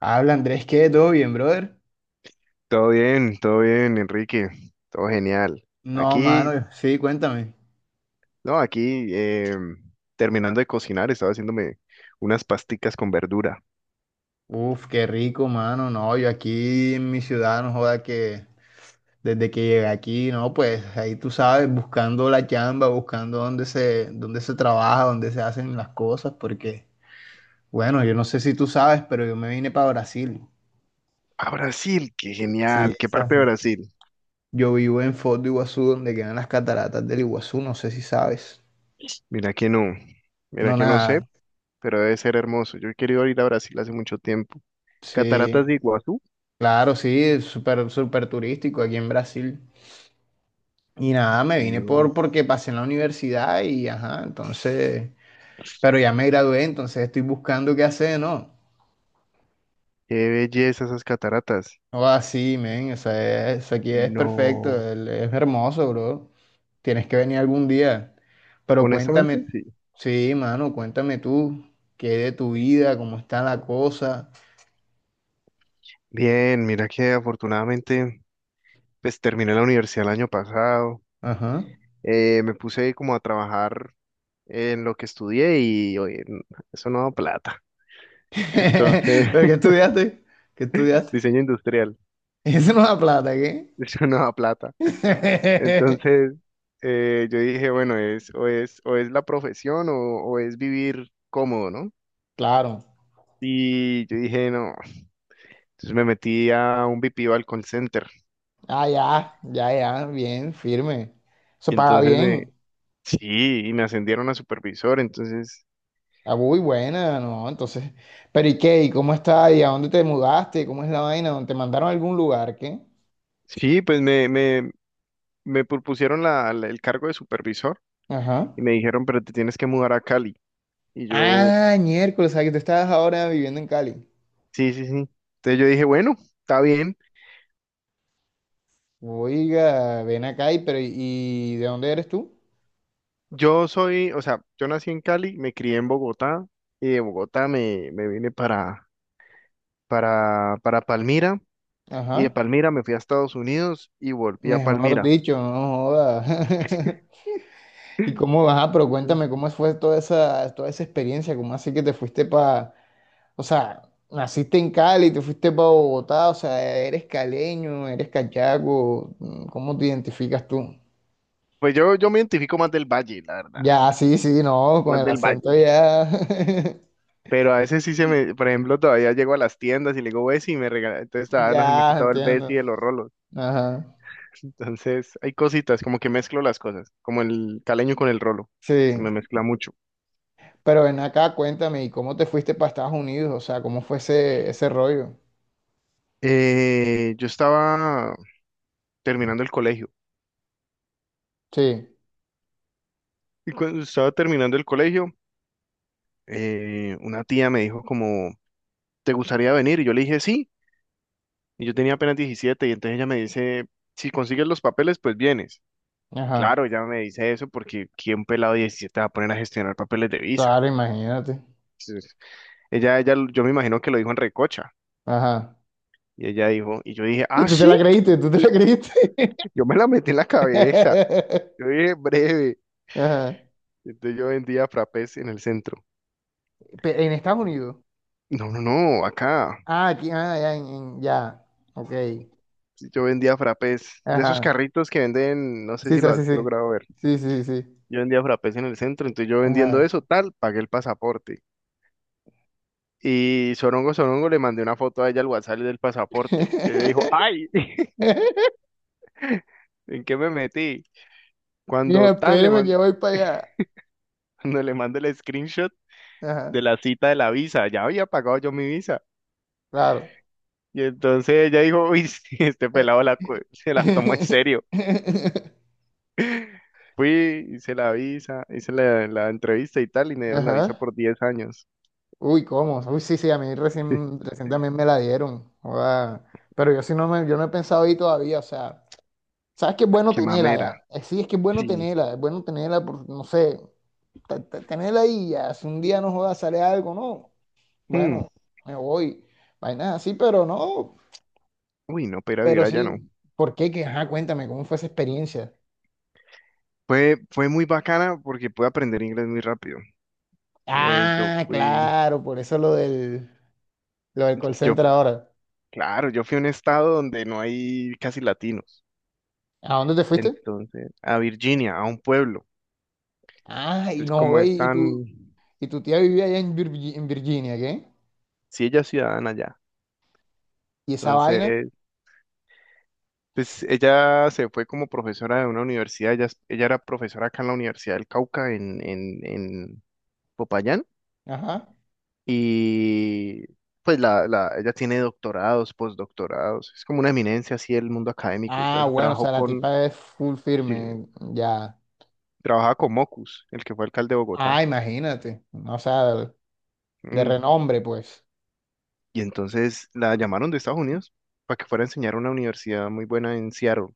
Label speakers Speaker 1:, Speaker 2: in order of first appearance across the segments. Speaker 1: Habla Andrés, ¿qué? ¿Todo bien, brother?
Speaker 2: Todo bien, Enrique. Todo genial.
Speaker 1: No, mano,
Speaker 2: Aquí,
Speaker 1: sí, cuéntame.
Speaker 2: no, aquí, terminando de cocinar, estaba haciéndome unas pasticas con verdura.
Speaker 1: Uf, qué rico, mano. No, yo aquí en mi ciudad, no joda que desde que llegué aquí, no, pues ahí tú sabes, buscando la chamba, buscando dónde se trabaja, dónde se hacen las cosas, porque, bueno, yo no sé si tú sabes, pero yo me vine para Brasil.
Speaker 2: A Brasil, qué
Speaker 1: Sí,
Speaker 2: genial. ¿Qué
Speaker 1: o sea,
Speaker 2: parte de Brasil?
Speaker 1: yo vivo en Foz do Iguazú, donde quedan las cataratas del Iguazú, no sé si sabes.
Speaker 2: Mira que no, mira
Speaker 1: No,
Speaker 2: que no sé,
Speaker 1: nada.
Speaker 2: pero debe ser hermoso. Yo he querido ir a Brasil hace mucho tiempo. Cataratas de
Speaker 1: Sí,
Speaker 2: Iguazú.
Speaker 1: claro, sí, es súper, súper turístico aquí en Brasil. Y nada, me vine por
Speaker 2: Dios,
Speaker 1: porque pasé en la universidad y ajá, entonces, pero ya me gradué, entonces estoy buscando qué hacer, ¿no?
Speaker 2: qué belleza esas cataratas.
Speaker 1: O así, men, o sea, eso aquí es perfecto,
Speaker 2: No,
Speaker 1: es hermoso, bro. Tienes que venir algún día. Pero
Speaker 2: honestamente,
Speaker 1: cuéntame,
Speaker 2: sí.
Speaker 1: sí, mano, cuéntame tú, qué de tu vida, cómo está la cosa.
Speaker 2: Bien, mira que afortunadamente, pues terminé la universidad el año pasado.
Speaker 1: Ajá.
Speaker 2: Me puse como a trabajar en lo que estudié y oye, eso no da plata. Entonces,
Speaker 1: ¿Pero qué estudiaste? ¿Qué estudiaste?
Speaker 2: diseño industrial,
Speaker 1: Eso no da plata, ¿qué?
Speaker 2: eso no da plata. Entonces, yo dije, bueno, o es la profesión o es vivir cómodo, ¿no?
Speaker 1: Claro.
Speaker 2: Y yo dije, no. Entonces me metí a un BPO al call center.
Speaker 1: Ah, ya, ya, ya, bien, firme. Eso paga
Speaker 2: Entonces
Speaker 1: bien.
Speaker 2: sí, y me ascendieron a supervisor. Entonces,
Speaker 1: Ah, muy buena, ¿no? Entonces, pero ¿y qué? ¿Y cómo está? ¿Y a dónde te mudaste? ¿Cómo es la vaina? ¿Dónde? ¿Te mandaron a algún lugar? ¿Qué?
Speaker 2: sí, pues me propusieron el cargo de supervisor y
Speaker 1: Ajá.
Speaker 2: me dijeron, pero te tienes que mudar a Cali. Y yo,
Speaker 1: Ah, miércoles, o sea que tú estabas ahora viviendo en Cali.
Speaker 2: sí, sí, sí. Entonces yo dije, bueno, está bien.
Speaker 1: Oiga, ven acá y, pero, ¿y de dónde eres tú?
Speaker 2: Yo soy, o sea, yo nací en Cali, me crié en Bogotá y de Bogotá me vine para Palmira y de
Speaker 1: Ajá.
Speaker 2: Palmira me fui a Estados Unidos y volví a
Speaker 1: Mejor
Speaker 2: Palmira.
Speaker 1: dicho, no joda. ¿Y cómo vas? Pero
Speaker 2: Mm.
Speaker 1: cuéntame, ¿cómo fue toda esa experiencia? ¿Cómo así que te fuiste para? O sea, naciste en Cali, te fuiste para Bogotá, o sea, eres caleño, eres cachaco, ¿cómo te identificas tú?
Speaker 2: Pues yo me identifico más del Valle, la verdad.
Speaker 1: Ya, sí, sí, no, con
Speaker 2: Más
Speaker 1: el
Speaker 2: del
Speaker 1: acento
Speaker 2: Valle.
Speaker 1: ya,
Speaker 2: Pero a veces sí se me, por ejemplo, todavía llego a las tiendas y le digo Bessie y me regala, entonces todavía no se me ha
Speaker 1: ya,
Speaker 2: quitado el
Speaker 1: entiendo.
Speaker 2: Bessie de los rolos.
Speaker 1: Ajá,
Speaker 2: Entonces hay cositas, como que mezclo las cosas, como el caleño con el rolo, se me
Speaker 1: sí.
Speaker 2: mezcla mucho.
Speaker 1: Pero ven acá, cuéntame, ¿y cómo te fuiste para Estados Unidos? O sea, ¿cómo fue ese rollo?
Speaker 2: Yo estaba terminando el colegio
Speaker 1: Sí,
Speaker 2: y cuando estaba terminando el colegio, una tía me dijo como, ¿te gustaría venir? Y yo le dije sí, y yo tenía apenas 17 y entonces ella me dice, si consigues los papeles, pues vienes. Claro,
Speaker 1: ajá,
Speaker 2: ella me dice eso porque ¿quién pelado de 17 va a poner a gestionar papeles de visa?
Speaker 1: claro, imagínate.
Speaker 2: Sí. Ella, yo me imagino que lo dijo en recocha.
Speaker 1: Ajá.
Speaker 2: Y ella dijo, y yo dije,
Speaker 1: Y
Speaker 2: ah,
Speaker 1: tú te
Speaker 2: sí,
Speaker 1: la creíste, tú te la creíste.
Speaker 2: yo me la metí en la cabeza. Yo dije, breve.
Speaker 1: Ajá.
Speaker 2: Entonces yo vendía frapés en el centro.
Speaker 1: Pe- En Estados Unidos.
Speaker 2: No, no, no, acá.
Speaker 1: Ah, aquí, ah, ya, ya. Ok.
Speaker 2: Yo vendía frapés. De esos
Speaker 1: Ajá.
Speaker 2: carritos que venden, no sé
Speaker 1: Sí,
Speaker 2: si
Speaker 1: sí,
Speaker 2: lo
Speaker 1: sí,
Speaker 2: has
Speaker 1: sí.
Speaker 2: logrado ver.
Speaker 1: Sí, sí, sí.
Speaker 2: Yo vendía frapés en el centro, entonces yo vendiendo
Speaker 1: Ajá.
Speaker 2: eso, tal, pagué el pasaporte. Y Sorongo Sorongo le mandé una foto a ella al WhatsApp del pasaporte. Y ella dijo, ay, ¿en qué me metí? Cuando
Speaker 1: Mira,
Speaker 2: tan le
Speaker 1: espéreme
Speaker 2: mandé...
Speaker 1: que voy para allá.
Speaker 2: Cuando le mando el screenshot, de
Speaker 1: Ajá,
Speaker 2: la cita de la visa, ya había pagado yo mi visa.
Speaker 1: claro.
Speaker 2: Y entonces ella dijo, uy, sí, este pelado se la tomó en
Speaker 1: Eh,
Speaker 2: serio. Fui, hice la visa, hice la entrevista y tal, y me dieron la visa
Speaker 1: Ajá.
Speaker 2: por 10 años.
Speaker 1: Uy, ¿cómo? Uy, sí, sí, a mí recién, recién también me la dieron. Joda. Pero yo sí no me, yo no he pensado ahí todavía, o sea, ¿sabes qué es bueno
Speaker 2: Qué
Speaker 1: tenerla
Speaker 2: mamera.
Speaker 1: ya? Sí, es que
Speaker 2: Sí.
Speaker 1: es bueno tenerla, por, no sé, tenerla ahí ya, si un día no joda, sale algo, ¿no?
Speaker 2: Mm.
Speaker 1: Bueno, me voy. Vainas así, pero no,
Speaker 2: Uy, no, pero vivir
Speaker 1: pero
Speaker 2: allá
Speaker 1: sí.
Speaker 2: no.
Speaker 1: ¿Por qué? Que, ajá, cuéntame, ¿cómo fue esa experiencia?
Speaker 2: Fue muy bacana porque pude aprender inglés muy rápido. Eh, yo
Speaker 1: Ah,
Speaker 2: fui,
Speaker 1: claro, por eso lo del call
Speaker 2: yo,
Speaker 1: center ahora.
Speaker 2: claro, yo fui a un estado donde no hay casi latinos.
Speaker 1: ¿A dónde te fuiste?
Speaker 2: Entonces, a Virginia, a un pueblo.
Speaker 1: Ah, y
Speaker 2: Entonces,
Speaker 1: no,
Speaker 2: como
Speaker 1: güey, y tu,
Speaker 2: están,
Speaker 1: y tu tía vivía allá en, Virgi- en Virginia, ¿qué?
Speaker 2: si ella es ciudadana ya.
Speaker 1: ¿Y esa vaina?
Speaker 2: Entonces, pues ella se fue como profesora de una universidad, ella era profesora acá en la Universidad del Cauca, en Popayán,
Speaker 1: Ajá.
Speaker 2: y pues ella tiene doctorados, postdoctorados, es como una eminencia así del mundo académico y todo
Speaker 1: Ah,
Speaker 2: eso,
Speaker 1: bueno, o sea, la tipa es full
Speaker 2: sí,
Speaker 1: firme, ya.
Speaker 2: trabajaba con Mocus, el que fue alcalde de Bogotá.
Speaker 1: Ah, imagínate, no, o sea, de
Speaker 2: Mm.
Speaker 1: renombre, pues.
Speaker 2: Y entonces la llamaron de Estados Unidos para que fuera a enseñar a una universidad muy buena en Seattle,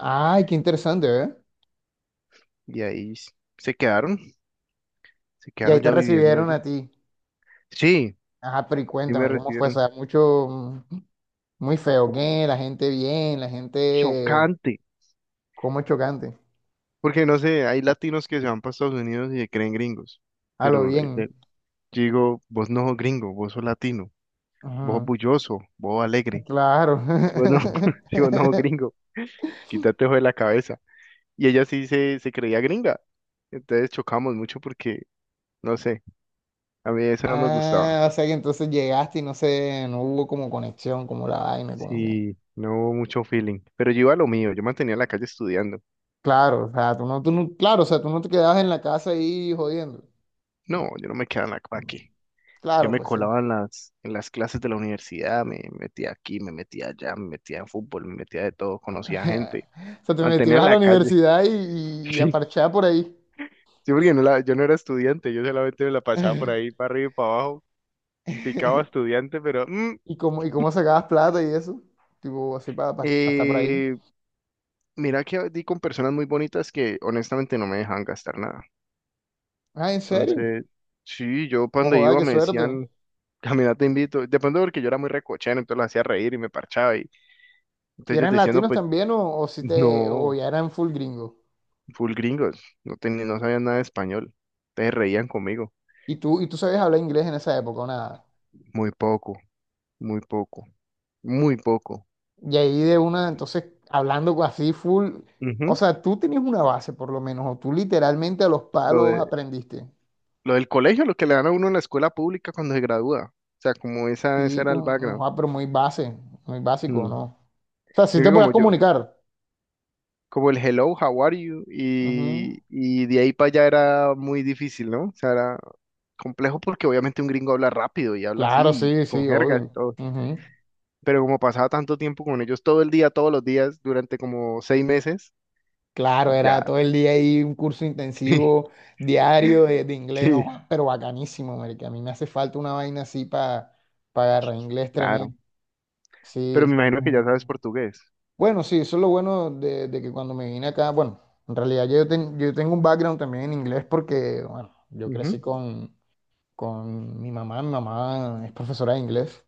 Speaker 1: Ay, qué interesante, ¿eh?
Speaker 2: y ahí se quedaron, se
Speaker 1: Y ahí
Speaker 2: quedaron
Speaker 1: te
Speaker 2: ya viviendo
Speaker 1: recibieron a
Speaker 2: ellos.
Speaker 1: ti.
Speaker 2: Sí,
Speaker 1: Ajá, pero y
Speaker 2: sí
Speaker 1: cuéntame,
Speaker 2: me
Speaker 1: ¿cómo fue? O
Speaker 2: recibieron.
Speaker 1: sea, mucho, muy feo, ¿qué? La gente bien, la gente
Speaker 2: Chocante.
Speaker 1: como chocante,
Speaker 2: Porque no sé, hay latinos que se van para Estados Unidos y se creen gringos.
Speaker 1: a lo
Speaker 2: Pero
Speaker 1: bien.
Speaker 2: yo digo, vos no sos gringo, vos sos latino, vos sos
Speaker 1: Ujú.
Speaker 2: bulloso, vos alegre.
Speaker 1: Claro.
Speaker 2: Vos no, si vos no sos gringo, quítate eso de la cabeza. Y ella sí se creía gringa. Entonces chocamos mucho porque, no sé, a mí eso no me gustaba.
Speaker 1: Ah, o sea que entonces llegaste y no sé, no hubo como conexión, como la vaina, como que.
Speaker 2: Sí, no hubo mucho feeling. Pero yo iba a lo mío, yo mantenía la calle estudiando.
Speaker 1: Claro, o sea, tú no, claro, o sea, tú no te quedabas en la casa ahí jodiendo.
Speaker 2: No, yo no me quedaba en la calle. Yo
Speaker 1: Claro,
Speaker 2: me
Speaker 1: pues sí.
Speaker 2: colaba en las clases de la universidad, me metía aquí, me metía allá, me metía en fútbol, me metía de todo, conocía gente,
Speaker 1: O sea, te
Speaker 2: mantenía
Speaker 1: metías a la
Speaker 2: la calle.
Speaker 1: universidad y a
Speaker 2: Sí.
Speaker 1: parchar por ahí.
Speaker 2: Sí, porque yo no era estudiante, yo solamente me la pasaba por ahí, para arriba y para abajo, picaba estudiante, pero
Speaker 1: ¿Y cómo sacabas plata y eso? Tipo, así para estar por ahí.
Speaker 2: eh, mira que di con personas muy bonitas que honestamente no me dejaban gastar nada.
Speaker 1: Ah, ¿en serio?
Speaker 2: Entonces, sí, yo cuando
Speaker 1: Ojo, ah,
Speaker 2: iba
Speaker 1: qué
Speaker 2: me
Speaker 1: suerte.
Speaker 2: decían, camina te invito, de pronto porque yo era muy recochero, entonces los hacía reír y me parchaba y
Speaker 1: ¿Y
Speaker 2: entonces ellos
Speaker 1: eran
Speaker 2: decían, no,
Speaker 1: latinos
Speaker 2: pues
Speaker 1: también o si te, o
Speaker 2: no.
Speaker 1: ya eran full gringos?
Speaker 2: Full gringos, no sabían nada de español. Te reían conmigo,
Speaker 1: ¿Y tú sabías hablar inglés en esa época o nada?
Speaker 2: muy poco, muy poco, muy poco.
Speaker 1: Y ahí de una, entonces, hablando con- así full, o
Speaker 2: Ujú.
Speaker 1: sea, tú tenías una base por lo menos, o tú literalmente a los
Speaker 2: Lo
Speaker 1: palos
Speaker 2: de,
Speaker 1: aprendiste.
Speaker 2: lo del colegio, lo que le dan a uno en la escuela pública cuando se gradúa. O sea, como esa, ese
Speaker 1: Sí,
Speaker 2: era el
Speaker 1: como, ojo,
Speaker 2: background.
Speaker 1: ah, pero muy base, muy básico,
Speaker 2: Mm.
Speaker 1: ¿no? O sea, sí
Speaker 2: Creo
Speaker 1: te
Speaker 2: que
Speaker 1: podías comunicar.
Speaker 2: como el hello, how are you,
Speaker 1: Ujú.
Speaker 2: y de ahí para allá era muy difícil, ¿no? O sea, era complejo porque obviamente un gringo habla rápido y habla
Speaker 1: Claro,
Speaker 2: así,
Speaker 1: sí,
Speaker 2: con
Speaker 1: sí,
Speaker 2: jergas y
Speaker 1: obvio.
Speaker 2: todo.
Speaker 1: Ujú.
Speaker 2: Pero como pasaba tanto tiempo con ellos todo el día, todos los días, durante como 6 meses,
Speaker 1: Claro,
Speaker 2: ya.
Speaker 1: era todo el día ahí un curso intensivo diario de inglés, oh,
Speaker 2: Sí,
Speaker 1: pero bacanísimo, marica. A mí me hace falta una vaina así para agarrar inglés
Speaker 2: claro.
Speaker 1: tremendo.
Speaker 2: Pero
Speaker 1: Sí.
Speaker 2: me imagino que ya sabes portugués.
Speaker 1: Bueno, sí, eso es lo bueno de que cuando me vine acá, bueno, en realidad yo, ten- yo tengo un background también en inglés porque, bueno, yo
Speaker 2: Ujú.
Speaker 1: crecí con mi mamá es profesora de inglés,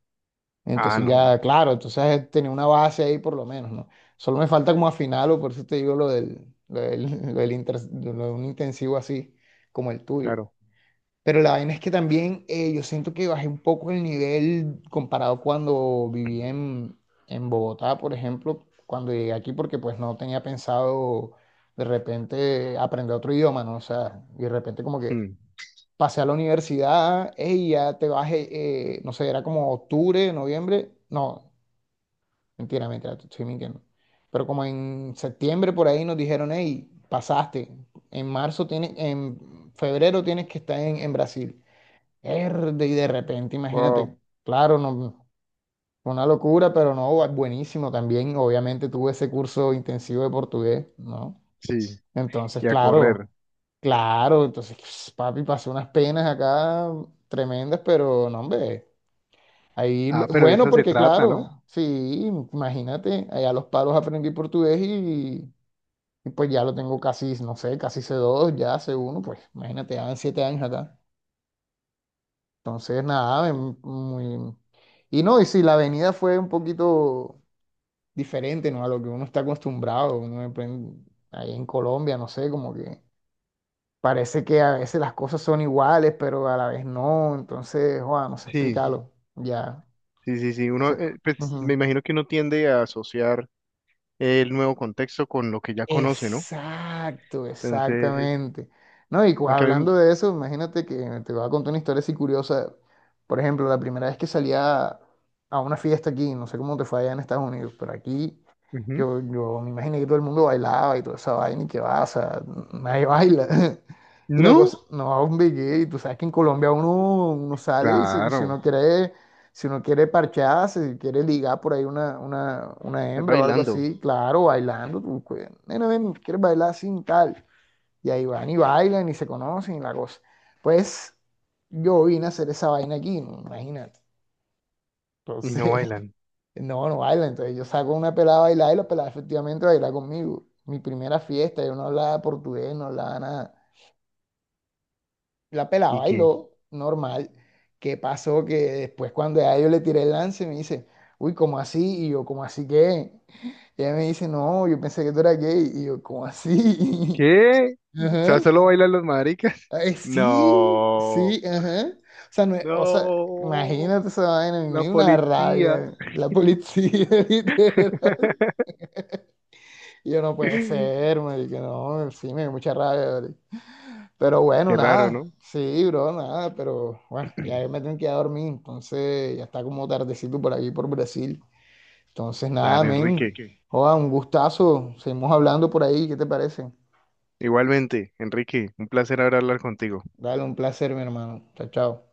Speaker 2: Ah,
Speaker 1: entonces
Speaker 2: no,
Speaker 1: ya, claro, entonces tenía una base ahí por lo menos, ¿no? Solo me falta como afinarlo, por eso te digo lo del, lo de un intensivo así como el tuyo.
Speaker 2: claro.
Speaker 1: Pero la vaina es que también yo siento que bajé un poco el nivel comparado cuando viví en Bogotá, por ejemplo, cuando llegué aquí, porque pues no tenía pensado de repente aprender otro idioma, ¿no? O sea, y de repente como que
Speaker 2: Mm,
Speaker 1: pasé a la universidad, ey, ya te bajé, no sé, era como octubre, noviembre, no. Mentira, mentira, te estoy mintiendo. Pero como en septiembre por ahí nos dijeron, hey, pasaste. En marzo tienes, en febrero tienes que estar en Brasil. Erde, y de repente,
Speaker 2: Wow,
Speaker 1: imagínate, claro, no, fue una locura, pero no, bu- buenísimo también. Obviamente tuve ese curso intensivo de portugués, ¿no?
Speaker 2: sí,
Speaker 1: Entonces,
Speaker 2: y a correr.
Speaker 1: claro, claro, entonces, papi, pasé unas penas acá tremendas, pero no, hombre. Ahí, lo-
Speaker 2: Ah, pero de
Speaker 1: bueno,
Speaker 2: eso se
Speaker 1: porque
Speaker 2: trata, ¿no?
Speaker 1: claro, sí, imagínate, allá los palos aprendí portugués y pues ya lo tengo casi, no sé, casi C2 ya C1, pues imagínate, ya van 7 años acá. Entonces, nada, muy... Y no, y sí, la avenida fue un poquito diferente, ¿no? A lo que uno está acostumbrado, uno aprende ahí en Colombia, no sé, como que parece que a veces las cosas son iguales, pero a la vez no, entonces, joder, no sé
Speaker 2: Sí,
Speaker 1: explicarlo, ya,
Speaker 2: sí, sí, sí.
Speaker 1: no
Speaker 2: Uno,
Speaker 1: sé.
Speaker 2: pues me imagino que uno tiende a asociar el nuevo contexto con lo que ya conoce, ¿no?
Speaker 1: Exacto,
Speaker 2: Entonces,
Speaker 1: exactamente. No, y cu-
Speaker 2: aunque a
Speaker 1: hablando
Speaker 2: mí,
Speaker 1: de eso, imagínate que te voy a contar una historia así curiosa. Por ejemplo, la primera vez que salía a una fiesta aquí, no sé cómo te fue allá en Estados Unidos, pero aquí
Speaker 2: ujú.
Speaker 1: yo me imaginé que todo el mundo bailaba y toda esa vaina y que va, o sea, nadie baila. Y la
Speaker 2: No,
Speaker 1: cosa, no, hombre, que tú sabes que en Colombia uno, uno sale y si, si
Speaker 2: claro,
Speaker 1: uno quiere si uno quiere parcharse, si quiere ligar por ahí una
Speaker 2: es
Speaker 1: hembra o algo
Speaker 2: bailando
Speaker 1: así, claro, bailando. Tú, nena, ven, ¿quieres bailar sin tal? Y ahí van y bailan y se conocen y la cosa. Pues yo vine a hacer esa vaina aquí, imagínate.
Speaker 2: y no
Speaker 1: Entonces,
Speaker 2: bailan.
Speaker 1: no, no baila. Entonces yo saco una pelada a bailar y la pelada efectivamente baila conmigo. Mi primera fiesta, yo no hablaba portugués, no hablaba nada. La pelada
Speaker 2: ¿Y qué?
Speaker 1: bailó, normal. ¿Qué pasó? Que después cuando ya yo le tiré el lance, me dice, uy, ¿cómo así? Y yo, ¿cómo así qué? Y ella me dice, no, yo pensé que tú eras gay. Y yo, ¿cómo así?
Speaker 2: ¿Qué? O
Speaker 1: Ajá.
Speaker 2: sea, solo bailan los maricas.
Speaker 1: Ay, sí,
Speaker 2: No,
Speaker 1: sí, ajá. O sea, no es- o sea,
Speaker 2: no,
Speaker 1: imagínate esa vaina, me
Speaker 2: la
Speaker 1: dio una
Speaker 2: policía.
Speaker 1: rabia. La policía, literal. Y yo, no puede
Speaker 2: Qué
Speaker 1: ser, marica, no, sí, me dio mucha rabia, ¿vale? Pero bueno,
Speaker 2: raro,
Speaker 1: nada.
Speaker 2: ¿no?
Speaker 1: Sí, bro, nada. Pero bueno, ya me tengo que ir a dormir. Entonces ya está como tardecito por aquí, por Brasil. Entonces nada,
Speaker 2: Dale,
Speaker 1: men.
Speaker 2: Enrique.
Speaker 1: Joda, un gustazo. Seguimos hablando por ahí. ¿Qué te parece?
Speaker 2: Igualmente, Enrique, un placer hablar contigo.
Speaker 1: Dale, un placer, mi hermano. Chao, chao.